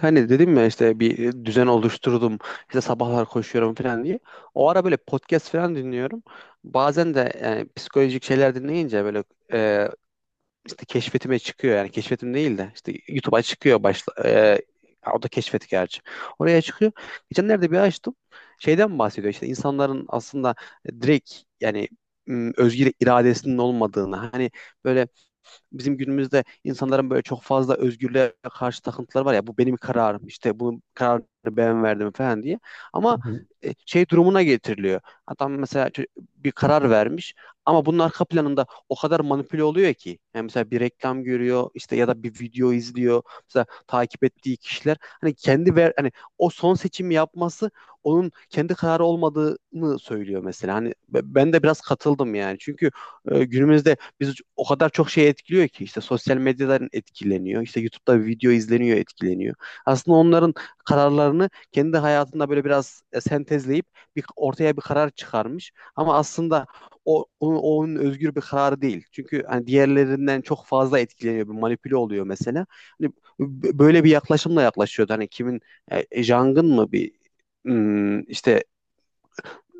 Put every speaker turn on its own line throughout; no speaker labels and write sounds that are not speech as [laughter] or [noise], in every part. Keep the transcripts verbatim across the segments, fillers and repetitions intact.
Hani dedim ya işte bir düzen oluşturdum. İşte sabahlar koşuyorum falan diye. O ara böyle podcast falan dinliyorum. Bazen de yani psikolojik şeyler dinleyince böyle e, işte keşfetime çıkıyor. Yani keşfetim değil de işte YouTube'a çıkıyor başla. e, o da keşfet gerçi. Oraya çıkıyor. Geçenlerde bir açtım. Şeyden bahsediyor işte insanların aslında direkt yani m, özgür iradesinin olmadığını. Hani böyle bizim günümüzde insanların böyle çok fazla özgürlüğe karşı takıntıları var ya, bu benim kararım, işte bu kararı ben verdim falan diye. Ama
Hı hı.
e, şey durumuna getiriliyor. Adam mesela çö- bir karar vermiş ama bunun arka planında o kadar manipüle oluyor ki. Yani mesela bir reklam görüyor işte ya da bir video izliyor. Mesela takip ettiği kişiler hani kendi ver hani o son seçimi yapması onun kendi kararı olmadığını söylüyor mesela. Hani be- ben de biraz katıldım yani. Çünkü e, günümüzde biz o kadar çok şey etkiliyor ki, işte sosyal medyadan etkileniyor. İşte YouTube'da video izleniyor, etkileniyor. Aslında onların kararlarını kendi hayatında böyle biraz e, sentezleyip bir ortaya bir karar çıkarmış. Ama aslında o onun, onun özgür bir kararı değil. Çünkü hani diğerlerinden çok fazla etkileniyor, bir manipüle oluyor mesela. Hani b- böyle bir yaklaşımla yaklaşıyordu. Hani kimin e, Jang'ın mı bir ım, işte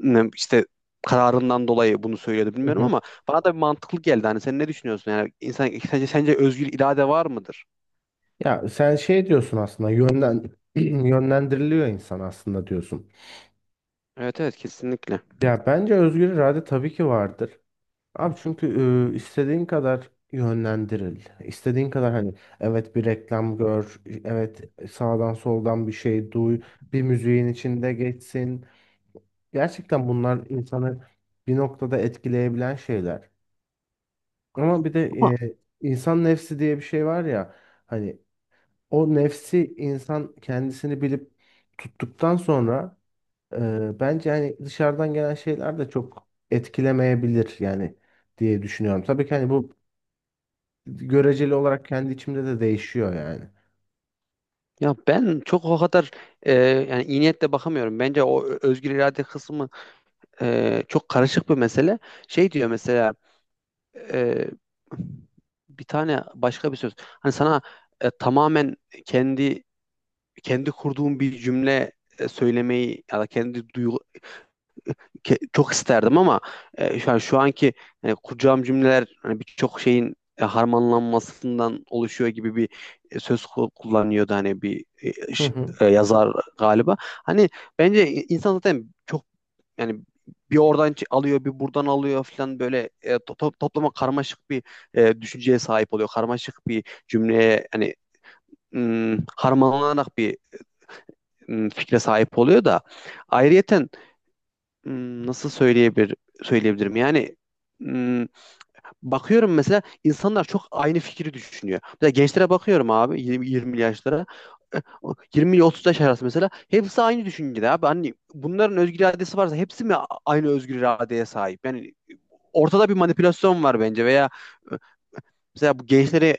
ne- işte kararından dolayı bunu söylüyordu
Hı
bilmiyorum
hı.
ama bana da bir mantıklı geldi. Hani sen ne düşünüyorsun? Yani insan sence, sence özgür irade var mıdır?
Ya sen şey diyorsun aslında yönden [clears throat] yönlendiriliyor insan aslında diyorsun.
Evet evet, kesinlikle.
Ya bence özgür irade tabii ki vardır. Abi çünkü e, istediğin kadar yönlendiril. İstediğin kadar hani evet bir reklam gör, evet sağdan soldan bir şey duy, bir müziğin içinde geçsin. Gerçekten bunlar insanı bir noktada etkileyebilen şeyler. Ama bir de
Ama
e, insan nefsi diye bir şey var ya hani o nefsi insan kendisini bilip tuttuktan sonra e, bence hani dışarıdan gelen şeyler de çok etkilemeyebilir yani diye düşünüyorum. Tabii ki hani bu göreceli olarak kendi içimde de değişiyor yani.
ya ben çok o kadar e, yani iyi niyetle bakamıyorum. Bence o ö- özgür irade kısmı e, çok karışık bir mesele. Şey diyor mesela, e, bir tane başka bir söz. Hani sana e, tamamen kendi kendi kurduğun bir cümle e, söylemeyi ya da kendi duygu- ke- çok isterdim ama e, şu an şu anki e, kuracağım cümleler hani birçok şeyin e, harmanlanmasından oluşuyor gibi bir e, söz ku- kullanıyordu hani bir e,
Hı
ş-
hı.
e, yazar galiba. Hani bence insan zaten çok yani bir oradan ç- alıyor, bir buradan alıyor falan, böyle e, to- to- toplama karmaşık bir e, düşünceye sahip oluyor. Karmaşık bir cümleye hani mm, harmanlanarak bir mm, fikre sahip oluyor da ayrıyeten, Hmm, nasıl söyleyebilir söyleyebilirim? Yani hmm, bakıyorum mesela insanlar çok aynı fikri düşünüyor. Mesela gençlere bakıyorum abi, yirmi, yirmi yaşlara. E, o yirmi ile otuz yaş arası mesela hepsi aynı düşüncede abi. Hani bunların özgür iradesi varsa hepsi mi a- aynı özgür iradeye sahip? Yani ortada bir manipülasyon var bence veya e, mesela bu gençleri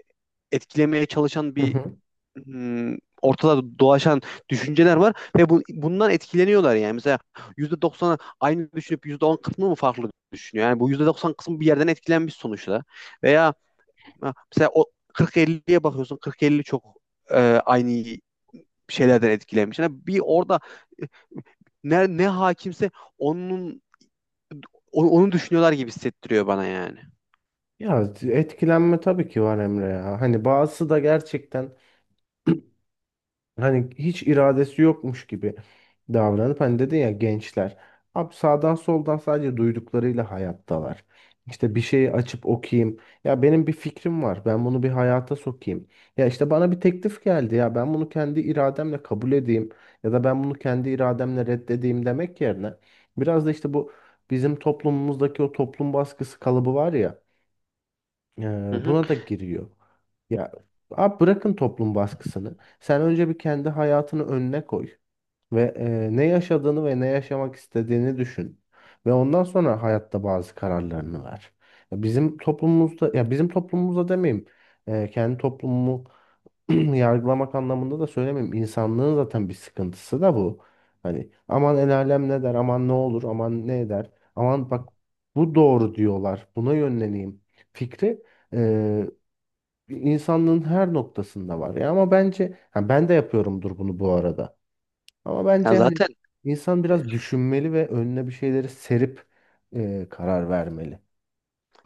etkilemeye çalışan
Hı
bir
hı.
hmm, ortada dolaşan düşünceler var ve bu, bundan etkileniyorlar yani. Mesela yüzde doksan aynı düşünüp yüzde on kısmı mı farklı düşünüyor? Yani bu yüzde doksan kısmı bir yerden etkilenmiş sonuçta. Veya ha, mesela o kırk elliye bakıyorsun. kırk elli çok e, aynı şeylerden etkilenmiş. Yani bir orada ne, ne hakimse onun onu, onu düşünüyorlar gibi hissettiriyor bana yani.
Ya etkilenme tabii ki var Emre ya. Hani bazısı da gerçekten hani hiç iradesi yokmuş gibi davranıp hani dedin ya gençler. Abi sağdan soldan sadece duyduklarıyla hayattalar. İşte bir şeyi açıp okuyayım. Ya benim bir fikrim var. Ben bunu bir hayata sokayım. Ya işte bana bir teklif geldi ya ben bunu kendi irademle kabul edeyim ya da ben bunu kendi irademle reddedeyim demek yerine biraz da işte bu bizim toplumumuzdaki o toplum baskısı kalıbı var ya, ee,
Hı hı.
buna da giriyor. Ya abi bırakın toplum baskısını. Sen önce bir kendi hayatını önüne koy ve e, ne yaşadığını ve ne yaşamak istediğini düşün. Ve ondan sonra hayatta bazı kararlarını ver. Ya bizim toplumumuzda, ya bizim toplumumuzda demeyeyim. E, kendi toplumumu [clears throat] yargılamak anlamında da söylemiyorum. İnsanlığın zaten bir sıkıntısı da bu. Hani aman el alem ne der, aman ne olur, aman ne eder, aman bak bu doğru diyorlar, buna yönleneyim fikri e, insanlığın her noktasında var. Ya ama bence ha, ben de yapıyorumdur bunu bu arada. Ama
Ya
bence hani
zaten
insan biraz düşünmeli ve önüne bir şeyleri serip e, karar vermeli.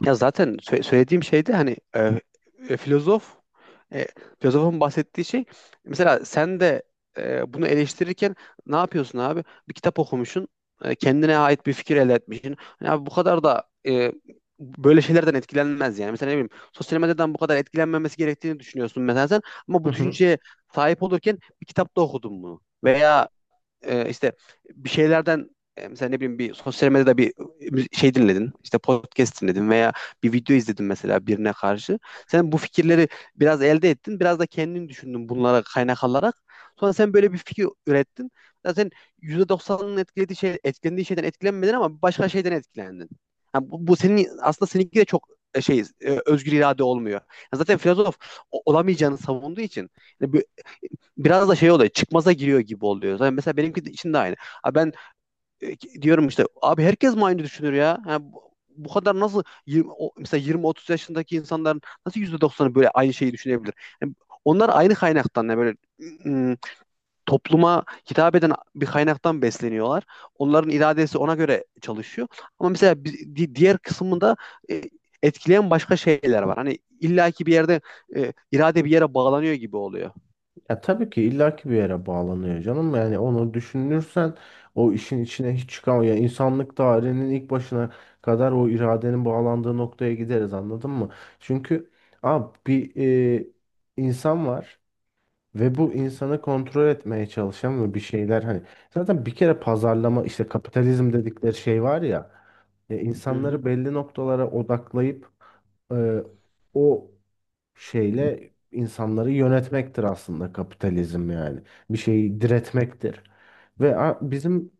Ya zaten sö- söylediğim şey de hani e, e, filozof e, filozofun bahsettiği şey, mesela sen de e, bunu eleştirirken ne yapıyorsun abi? Bir kitap okumuşsun. e, kendine ait bir fikir elde etmişsin. Hani abi bu kadar da e, böyle şeylerden etkilenmez yani. Mesela ne bileyim sosyal medyadan bu kadar etkilenmemesi gerektiğini düşünüyorsun mesela sen, ama
Hı
bu
hı.
düşünceye sahip olurken bir kitapta okudun bunu. Veya e, işte bir şeylerden, e, mesela ne bileyim bir sosyal medyada bir şey dinledin, işte podcast dinledin veya bir video izledin mesela birine karşı. Sen bu fikirleri biraz elde ettin, biraz da kendin düşündün bunlara kaynak alarak. Sonra sen böyle bir fikir ürettin. Zaten yüzde doksanının etkilediği şey, etkilendiği şeyden etkilenmedin ama başka şeyden etkilendin. Yani bu, bu senin aslında seninki de çok e, şey e, özgür irade olmuyor. Yani zaten filozof o- olamayacağını savunduğu için yani bu biraz da şey oluyor, çıkmaza giriyor gibi oluyor. Yani mesela benimki de- için de aynı. Abi ben e, diyorum işte abi herkes mi aynı düşünür ya? Ha, bu, bu kadar nasıl yirmi, o- mesela yirmi otuz yaşındaki insanların nasıl yüzde doksanı böyle aynı şeyi düşünebilir? Yani onlar aynı kaynaktan, yani böyle ım, topluma hitap eden bir kaynaktan besleniyorlar. Onların iradesi ona göre çalışıyor. Ama mesela bi- di- diğer kısmında e, etkileyen başka şeyler var. Hani illaki bir yerde e, irade bir yere bağlanıyor gibi oluyor.
Ya tabii ki illaki bir yere bağlanıyor canım. Yani onu düşünürsen o işin içine hiç çıkamıyor. Yani insanlık tarihinin ilk başına kadar o iradenin bağlandığı noktaya gideriz, anladın mı? Çünkü abi bir e, insan var. Ve bu insanı kontrol etmeye çalışan ve bir şeyler hani zaten bir kere pazarlama işte kapitalizm dedikleri şey var ya, ya
Hı hı.
insanları belli noktalara odaklayıp e, o şeyle insanları yönetmektir aslında kapitalizm yani. Bir şeyi diretmektir. Ve a- bizim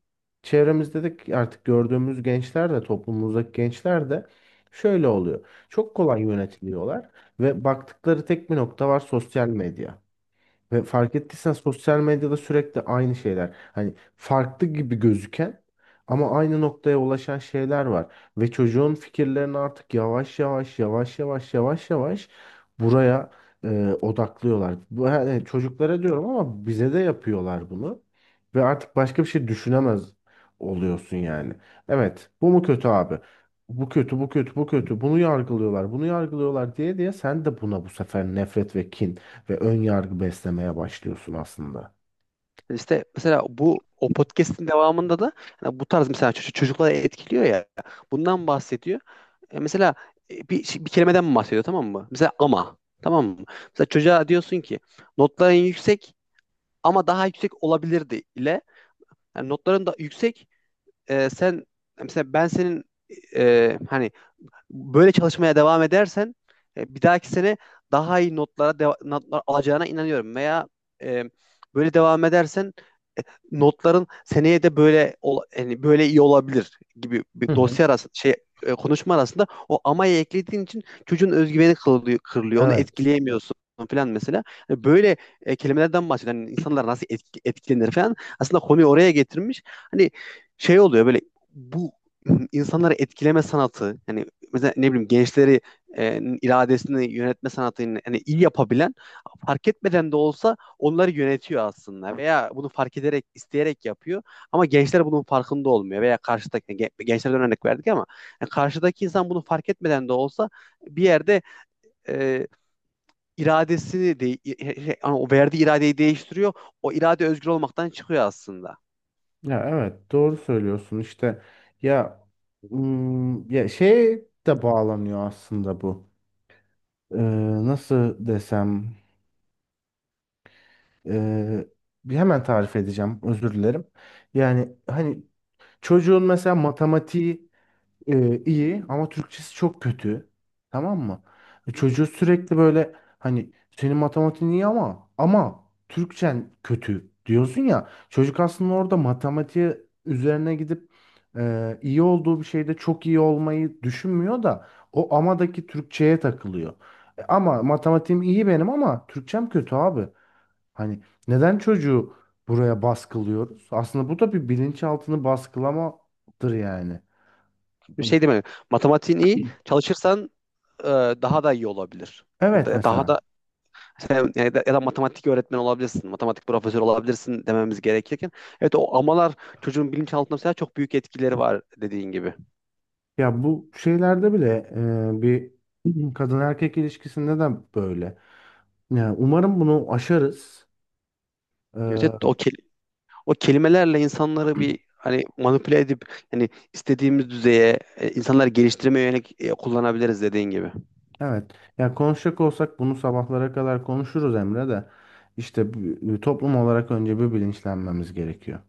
çevremizde de artık gördüğümüz gençler de toplumumuzdaki gençler de şöyle oluyor. Çok kolay yönetiliyorlar ve baktıkları tek bir nokta var, sosyal medya. Ve fark ettiysen sosyal medyada sürekli aynı şeyler. Hani farklı gibi gözüken ama aynı noktaya ulaşan şeyler var. Ve çocuğun fikirlerini artık yavaş yavaş yavaş yavaş yavaş yavaş buraya e, odaklıyorlar. Bu, yani çocuklara diyorum ama bize de yapıyorlar bunu. Ve artık başka bir şey düşünemez oluyorsun yani. Evet, bu mu kötü abi? Bu kötü, bu kötü, bu kötü. Bunu yargılıyorlar, bunu yargılıyorlar diye diye sen de buna bu sefer nefret ve kin ve ön yargı beslemeye başlıyorsun aslında.
İşte mesela bu o podcast'in devamında da hani bu tarz mesela ço- çocukları etkiliyor ya. Bundan bahsediyor. E, mesela e, bir, şey- bir kelimeden bahsediyor, tamam mı? Mesela ama tamam mı? Mesela çocuğa diyorsun ki notların yüksek ama daha yüksek olabilirdi ile yani notların da yüksek e, sen mesela ben senin e, hani böyle çalışmaya devam edersen e, bir dahaki sene daha iyi notlara deva- notlar alacağına inanıyorum veya e, böyle devam edersen notların seneye de böyle ol- yani böyle iyi olabilir gibi
Hı
bir
hı.
dosya arası şey, e, konuşma arasında o amayı eklediğin için çocuğun özgüveni kırılıyor, kırılıyor. Onu
Evet.
etkileyemiyorsun falan mesela. Hani böyle e, kelimelerden bahsediyor. Hani insanlar nasıl etki- etkilenir falan. Aslında konuyu oraya getirmiş. Hani şey oluyor, böyle bu insanları etkileme sanatı yani, mesela ne bileyim gençleri e, iradesini yönetme sanatını yani iyi yapabilen, fark etmeden de olsa onları yönetiyor aslında, veya bunu fark ederek isteyerek yapıyor ama gençler bunun farkında olmuyor, veya karşıdaki gen- gençlerden örnek verdik ama yani karşıdaki insan bunu fark etmeden de olsa bir yerde e, iradesini de şey, hani o verdiği iradeyi değiştiriyor. O irade özgür olmaktan çıkıyor aslında.
Ya evet doğru söylüyorsun işte. Ya ım, ya şey de bağlanıyor aslında bu. Ee, nasıl desem? ee, bir hemen tarif edeceğim, özür dilerim. Yani hani çocuğun mesela matematiği e, iyi ama Türkçesi çok kötü. Tamam mı? E, çocuğu sürekli böyle hani senin matematiğin iyi ama ama Türkçen kötü diyorsun ya. Çocuk aslında orada matematiğe üzerine gidip e, iyi olduğu bir şeyde çok iyi olmayı düşünmüyor da o amadaki Türkçeye takılıyor. E, ama matematiğim iyi benim ama Türkçem kötü abi. Hani neden çocuğu buraya baskılıyoruz? Aslında bu da bir bilinçaltını baskılamadır yani.
Bir şey demek. Matematiğin iyi, çalışırsan e, daha da iyi olabilir.
Evet,
Da- Daha
mesela.
da Sen, ya da, ya da matematik öğretmeni olabilirsin, matematik profesörü olabilirsin dememiz gerekirken. Evet o amalar çocuğun bilinçaltında mesela çok büyük etkileri var, dediğin gibi.
Ya bu şeylerde bile e, bir kadın erkek ilişkisinde de böyle. Ya umarım bunu aşarız.
Evet evet, o,
E,
kel- o kelimelerle insanları bir hani manipüle edip hani istediğimiz düzeye e, insanları geliştirmeye yönelik e, kullanabiliriz, dediğin gibi.
[clears throat] evet, ya konuşacak olsak bunu sabahlara kadar konuşuruz Emre de. İşte bu- toplum olarak önce bir bilinçlenmemiz gerekiyor.